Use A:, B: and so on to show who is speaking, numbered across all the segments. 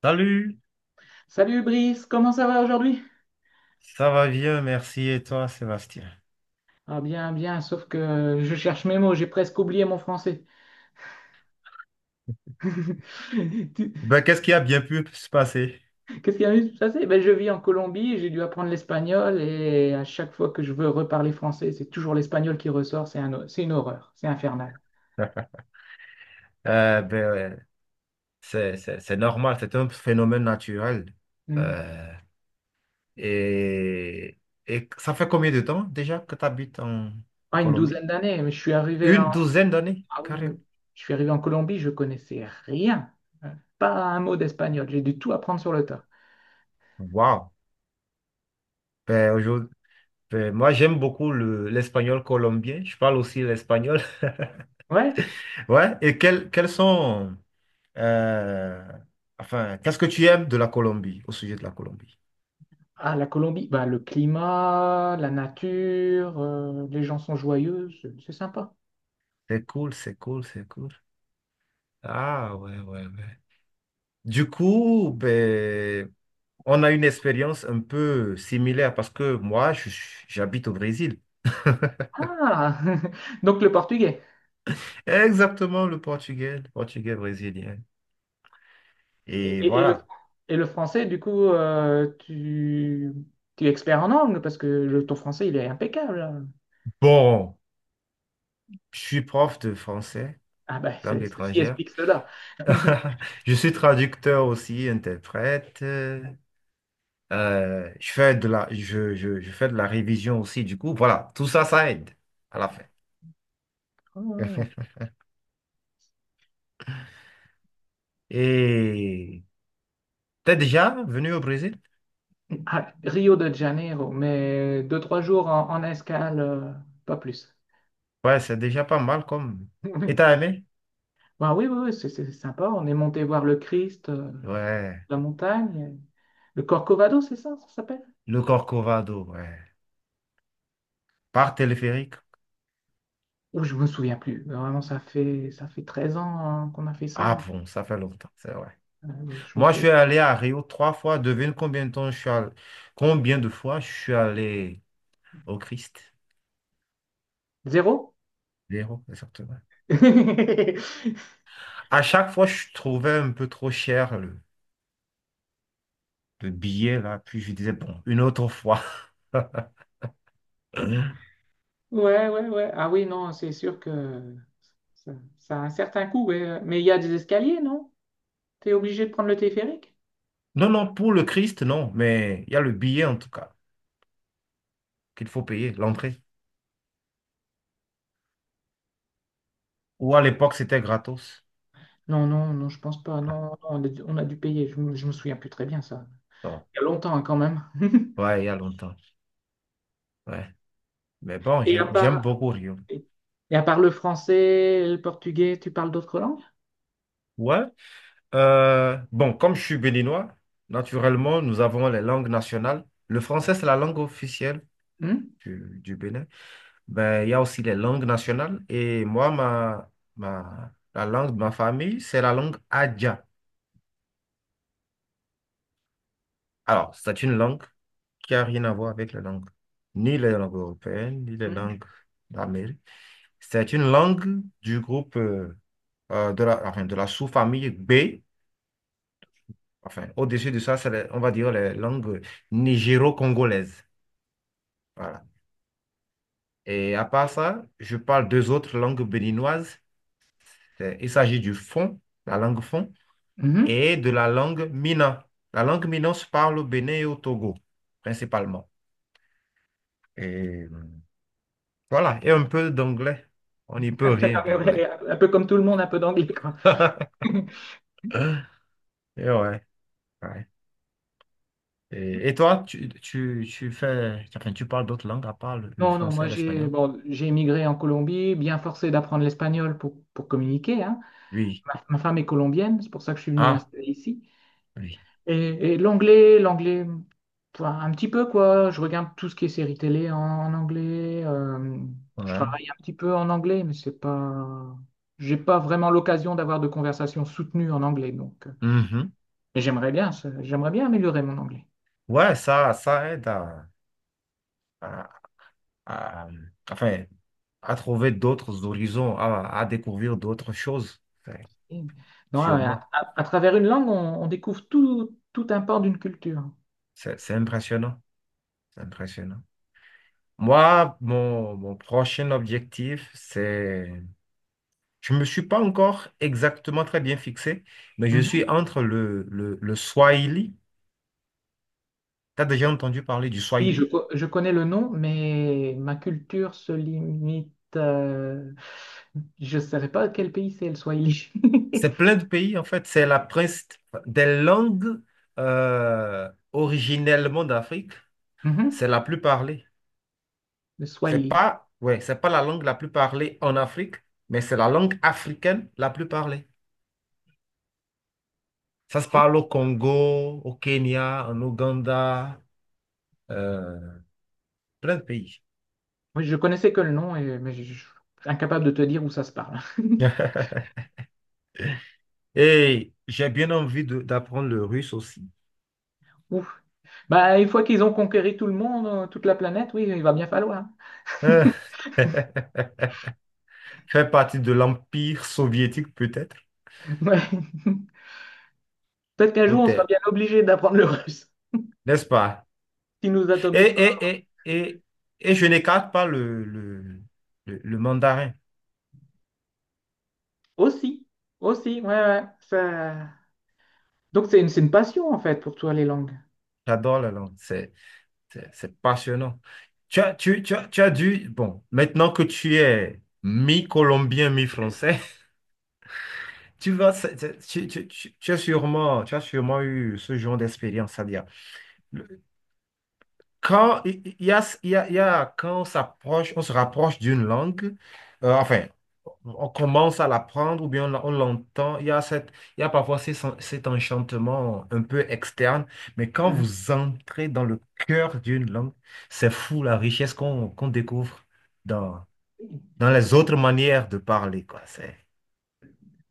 A: Salut,
B: Salut Brice, comment ça va aujourd'hui?
A: ça va bien, merci. Et toi, Sébastien?
B: Ah bien, bien, sauf que je cherche mes mots, j'ai presque oublié mon français. Tu-
A: Ben, qu'est-ce qui a bien pu se passer?
B: Qu'est-ce qui a eu ça? Ben, je vis en Colombie, j'ai dû apprendre l'espagnol et à chaque fois que je veux reparler français, c'est toujours l'espagnol qui ressort, c'est une horreur, c'est infernal.
A: Euh, ben, euh, c'est normal, c'est un phénomène naturel.
B: Hmm.
A: Euh, et, et ça fait combien de temps déjà que tu habites en
B: Ah, une
A: Colombie?
B: douzaine d'années, mais je suis arrivé
A: Une
B: en...
A: douzaine d'années,
B: ah oui, oui.
A: carrément.
B: Je suis arrivé en Colombie, je connaissais rien, pas un mot d'espagnol, j'ai dû tout apprendre sur le tas.
A: Wow. Ben, aujourd'hui, ben, moi, j'aime beaucoup l'espagnol colombien. Je parle aussi l'espagnol.
B: Ouais.
A: Ouais. Et quels sont, euh, enfin, qu'est-ce que tu aimes de la Colombie, au sujet de la Colombie?
B: Ah, la Colombie, bah, le climat, la nature, les gens sont joyeux, c'est sympa.
A: C'est cool, c'est cool, c'est cool. Ah ouais, ouais, ouais. Du coup, ben, on a une expérience un peu similaire parce que j'habite au Brésil.
B: Ah, donc le portugais.
A: Exactement, le portugais brésilien.
B: Et,
A: Et
B: et- et le,
A: voilà.
B: et le français, du coup, tu, tu es expert en anglais parce que le, ton français, il est impeccable.
A: Bon, je suis prof de français,
B: Ah, bah,
A: langue
B: ceci
A: étrangère.
B: explique cela.
A: Je suis traducteur aussi, interprète. Je fais de je fais de la révision aussi. Du coup, voilà, tout ça, ça aide à la fin. Et t'es déjà venu au Brésil?
B: Ah, Rio de Janeiro, mais deux, trois jours en, en escale, pas plus.
A: Ouais, c'est déjà pas mal comme. Et t'as aimé?
B: Bah, oui, oui, oui, c'est sympa. On est monté voir le Christ.
A: Ouais.
B: La montagne, le Corcovado, c'est ça, ça s'appelle?
A: Le Corcovado, ouais. Par téléphérique?
B: Ou je me souviens plus. Vraiment, ça fait 13 ans hein, qu'on a fait ça.
A: Ah bon, ça fait longtemps, c'est vrai.
B: Je me
A: Moi, je
B: souviens.
A: suis allé à Rio trois fois. Devine combien de temps je suis allé... Combien de fois je suis allé au Christ?
B: Zéro?
A: Zéro, exactement. À chaque fois, je trouvais un peu trop cher le billet, là. Puis je disais, bon, une autre fois.
B: Ouais, ouais, ouais. Ah oui, non, c'est sûr que ça, ça a un certain coût. Ouais. Mais il y a des escaliers, non? T'es obligé de prendre le téléphérique?
A: Non, non, pour le Christ, non. Mais il y a le billet, en tout cas, qu'il faut payer, l'entrée. Ou à l'époque, c'était gratos.
B: Non, non, non, je pense pas. Non,
A: Ah,
B: non, on a dû payer. Je me souviens plus très bien ça.
A: bon.
B: Il y a longtemps hein, quand même.
A: Ouais, il y a longtemps. Ouais. Mais bon,
B: Et à
A: j'aime
B: part,
A: beaucoup Rio.
B: et à part le français, le portugais, tu parles d'autres langues?
A: Ouais. Bon, comme je suis béninois, naturellement, nous avons les langues nationales. Le français, c'est la langue officielle
B: Hmm.
A: du Bénin. Ben, il y a aussi les langues nationales. Et moi, la langue de ma famille, c'est la langue Adja. Alors, c'est une langue qui n'a rien à voir avec les langues, ni les langues européennes, ni les
B: Hmm.
A: langues d'Amérique. C'est une langue du groupe, de de la sous-famille B. Enfin, au-dessus de ça, c'est, on va dire, les langues nigéro-congolaises. Voilà. Et à part ça, je parle deux autres langues béninoises. C'est- il s'agit du fon, la langue fon,
B: Mhm.
A: et de la langue mina. La langue mina se parle au Bénin et au Togo, principalement. Et euh, voilà, et un peu d'anglais. On n'y peut rien
B: Ouais,
A: d'anglais.
B: ouais, un peu comme tout le monde, un peu d'anglais, quoi.
A: Et ouais, ouais. Et toi, tu fais, enfin, tu parles d'autres langues à part le
B: Non, non,
A: français
B: moi
A: et
B: j'ai
A: l'espagnol?
B: bon, j'ai émigré en Colombie, bien forcé d'apprendre l'espagnol pour communiquer, hein.
A: Oui.
B: Ma femme est colombienne, c'est pour ça que je suis venu
A: Ah,
B: m'installer ici.
A: oui.
B: Et, l'anglais, enfin, un petit peu quoi. Je regarde tout ce qui est séries télé en, en anglais. Je
A: Ouais.
B: travaille un petit peu en anglais, mais c'est pas, j'ai pas vraiment l'occasion d'avoir de conversations soutenues en anglais. Donc,
A: Mhm.
B: mais j'aimerais bien, j'aimerais bien améliorer mon anglais.
A: Ouais, ça aide à- à- enfin, à trouver d'autres horizons, à découvrir d'autres choses, enfin,
B: Non,
A: sûrement.
B: à travers une langue, on découvre tout, tout un pan d'une culture.
A: C'est impressionnant, c'est impressionnant. Moi, mon prochain objectif, c'est... Je ne me suis pas encore exactement très bien fixé, mais je suis
B: Mhm.
A: entre le Swahili. Tu as déjà entendu parler du
B: Oui,
A: Swahili?
B: je connais le nom, mais ma culture se limite. Je ne saurais pas quel pays c'est, le Swahili.
A: C'est plein de pays, en fait. C'est la prince enfin, des langues originellement d'Afrique.
B: Mhm.
A: C'est la plus parlée.
B: Le
A: C'est
B: Swahili.
A: pas, ouais, c'est pas la langue la plus parlée en Afrique, mais c'est la langue africaine la plus parlée. Ça se
B: Oui.
A: parle au Congo, au Kenya, en Ouganda, euh, plein de pays.
B: Oui, je connaissais que le nom, et, suis incapable de te dire où ça se parle.
A: Et j'ai bien envie d'apprendre le russe aussi.
B: Ouf. Bah, une fois qu'ils ont conquéri tout le monde, toute la planète, oui, il va bien falloir.
A: Euh, Faire partie de l'Empire soviétique peut-être,
B: Ouais. Peut-être qu'un jour, on sera
A: peut-être,
B: bien obligé d'apprendre le russe,
A: n'est-ce pas?
B: qui nous
A: Et,
B: atomise.
A: et, et, et, et je n'écarte pas le mandarin.
B: Aussi, aussi, ouais, ouais. Ça- donc c'est une passion en fait pour toi les langues.
A: J'adore la langue. C'est passionnant. Tu as dû, bon, maintenant que tu es mi-colombien, mi-français, tu vas, tu as sûrement eu ce genre d'expérience, c'est-à-dire, quand il y a, il y a, il y a- quand on s'approche, on se rapproche d'une langue, euh, enfin, on commence à l'apprendre ou bien on l'entend, il y a cette, il y a parfois cet enchantement un peu externe, mais quand
B: Mhm.
A: vous entrez dans le cœur d'une langue, c'est fou la richesse qu'on découvre dans, dans les autres manières de parler, quoi. C'est,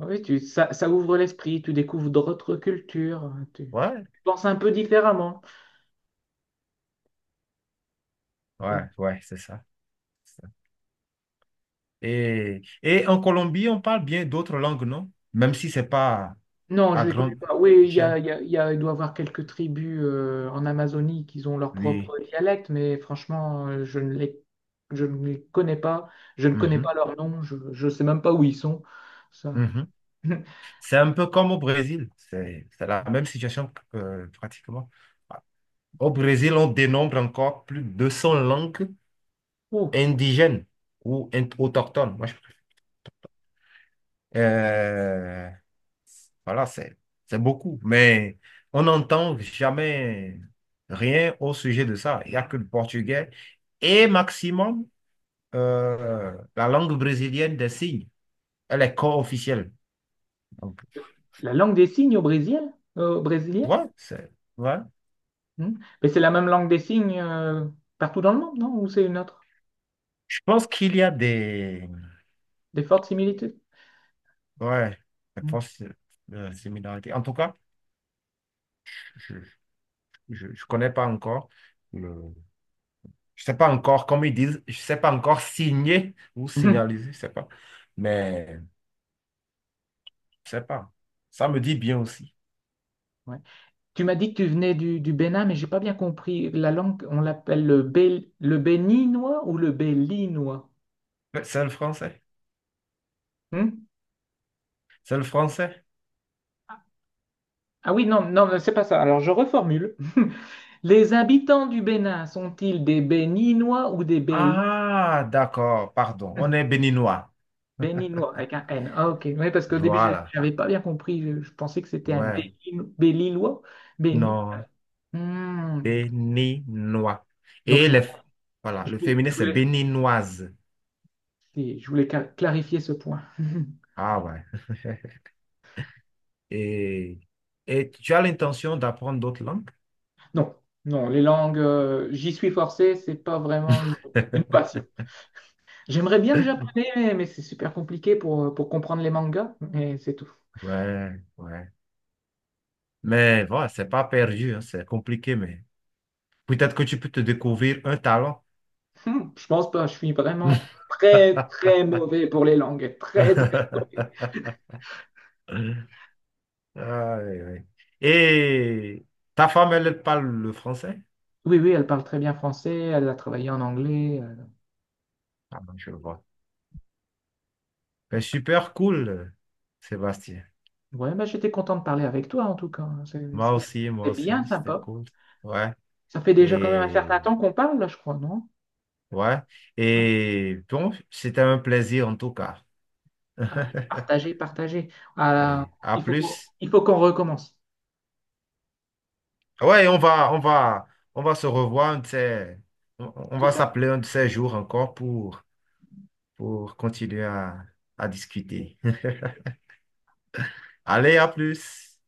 B: Oui, tu, ça ouvre l'esprit, tu découvres d'autres cultures, tu,
A: ouais,
B: tu penses un peu différemment. Et-
A: ouais, ouais, c'est ça. C'est ça. Et en Colombie, on parle bien d'autres langues, non? Même si c'est pas
B: non,
A: à
B: je les connais
A: grande
B: pas. Oui,
A: échelle.
B: il y a- il y a- il doit y avoir quelques tribus en Amazonie qui ont leur
A: Oui.
B: propre dialecte, mais franchement, je ne les connais pas. Je ne connais
A: Mhm,
B: pas leur nom, je ne sais même pas où ils sont. Ça-
A: mhm. C'est un peu comme au Brésil. C'est la même situation que, pratiquement. Au Brésil, on dénombre encore plus de 200 langues
B: Oh,
A: indigènes ou autochtones. Moi, je préfère. Euh, voilà, c'est beaucoup. Mais on n'entend jamais rien au sujet de ça. Il n'y a que le portugais et maximum la langue brésilienne des signes. Elle est co-officielle. Donc,
B: la langue des signes au Brésil, au Brésil.
A: ouais, c'est ouais.
B: Hmm. Mais c'est la même langue des signes partout dans le monde, non? Ou c'est une autre?
A: Je pense qu'il y a des,
B: Des fortes similitudes?
A: ouais, des
B: Hmm.
A: forces similarités. En tout cas, je ne connais pas encore le... Je sais pas encore, comme ils disent, je sais pas encore signer ou signaliser, je sais pas. Mais je sais pas. Ça me dit bien aussi.
B: Ouais. Tu m'as dit que tu venais du Bénin, mais j'ai pas bien compris. La langue, on l'appelle le, le béninois ou le bélinois?
A: C'est le français.
B: Hmm?
A: C'est le français.
B: Ah oui, non, non, c'est pas ça. Alors je reformule. Les habitants du Bénin sont-ils des béninois ou des béli?
A: Ah, d'accord, pardon. On est béninois.
B: Béninois avec un N. Ah, ok. Oui, parce qu'au début, je
A: Voilà.
B: n'avais pas bien compris. Je pensais que c'était un
A: Ouais.
B: Bélinois. Béni.
A: Non,
B: Hmm.
A: béninois.
B: Donc,
A: Et les... voilà, le féminin, c'est
B: voulais, je
A: béninoise.
B: je voulais clarifier ce point.
A: Ah ouais. Et, et tu as l'intention d'apprendre d'autres langues?
B: Non, non, les langues, j'y suis forcé, c'est pas vraiment une passion. J'aimerais bien le japonais, mais c'est super compliqué pour comprendre les mangas, mais c'est tout.
A: Ouais, ouais. Mais voilà, c'est pas perdu, hein, c'est compliqué, mais peut-être que tu peux te découvrir un talent.
B: Hmm, je pense pas, je suis vraiment très, très mauvais pour les langues, très, très mauvais.
A: Ah, oui, oui. Et ta femme, elle parle le français?
B: Oui, oui, elle parle très bien français, elle a travaillé en anglais,
A: Ah, ben, je le vois. Ben,
B: donc,
A: super cool, Sébastien.
B: ouais, bah, j'étais content de parler avec toi, en tout cas. Hein,
A: Moi
B: c'était bien
A: aussi, c'était
B: sympa.
A: cool. Ouais.
B: Ça fait déjà quand même un
A: Et
B: certain temps qu'on parle, là, je crois, non?
A: ouais. Et bon, c'était un plaisir en tout cas.
B: Ouais, partagez, partagez. Ah,
A: Allez, à plus.
B: il faut qu'on recommence.
A: Ouais, on va se revoir, on
B: Tout
A: va
B: à
A: s'appeler un de ces jours encore pour continuer à discuter. Allez, à plus.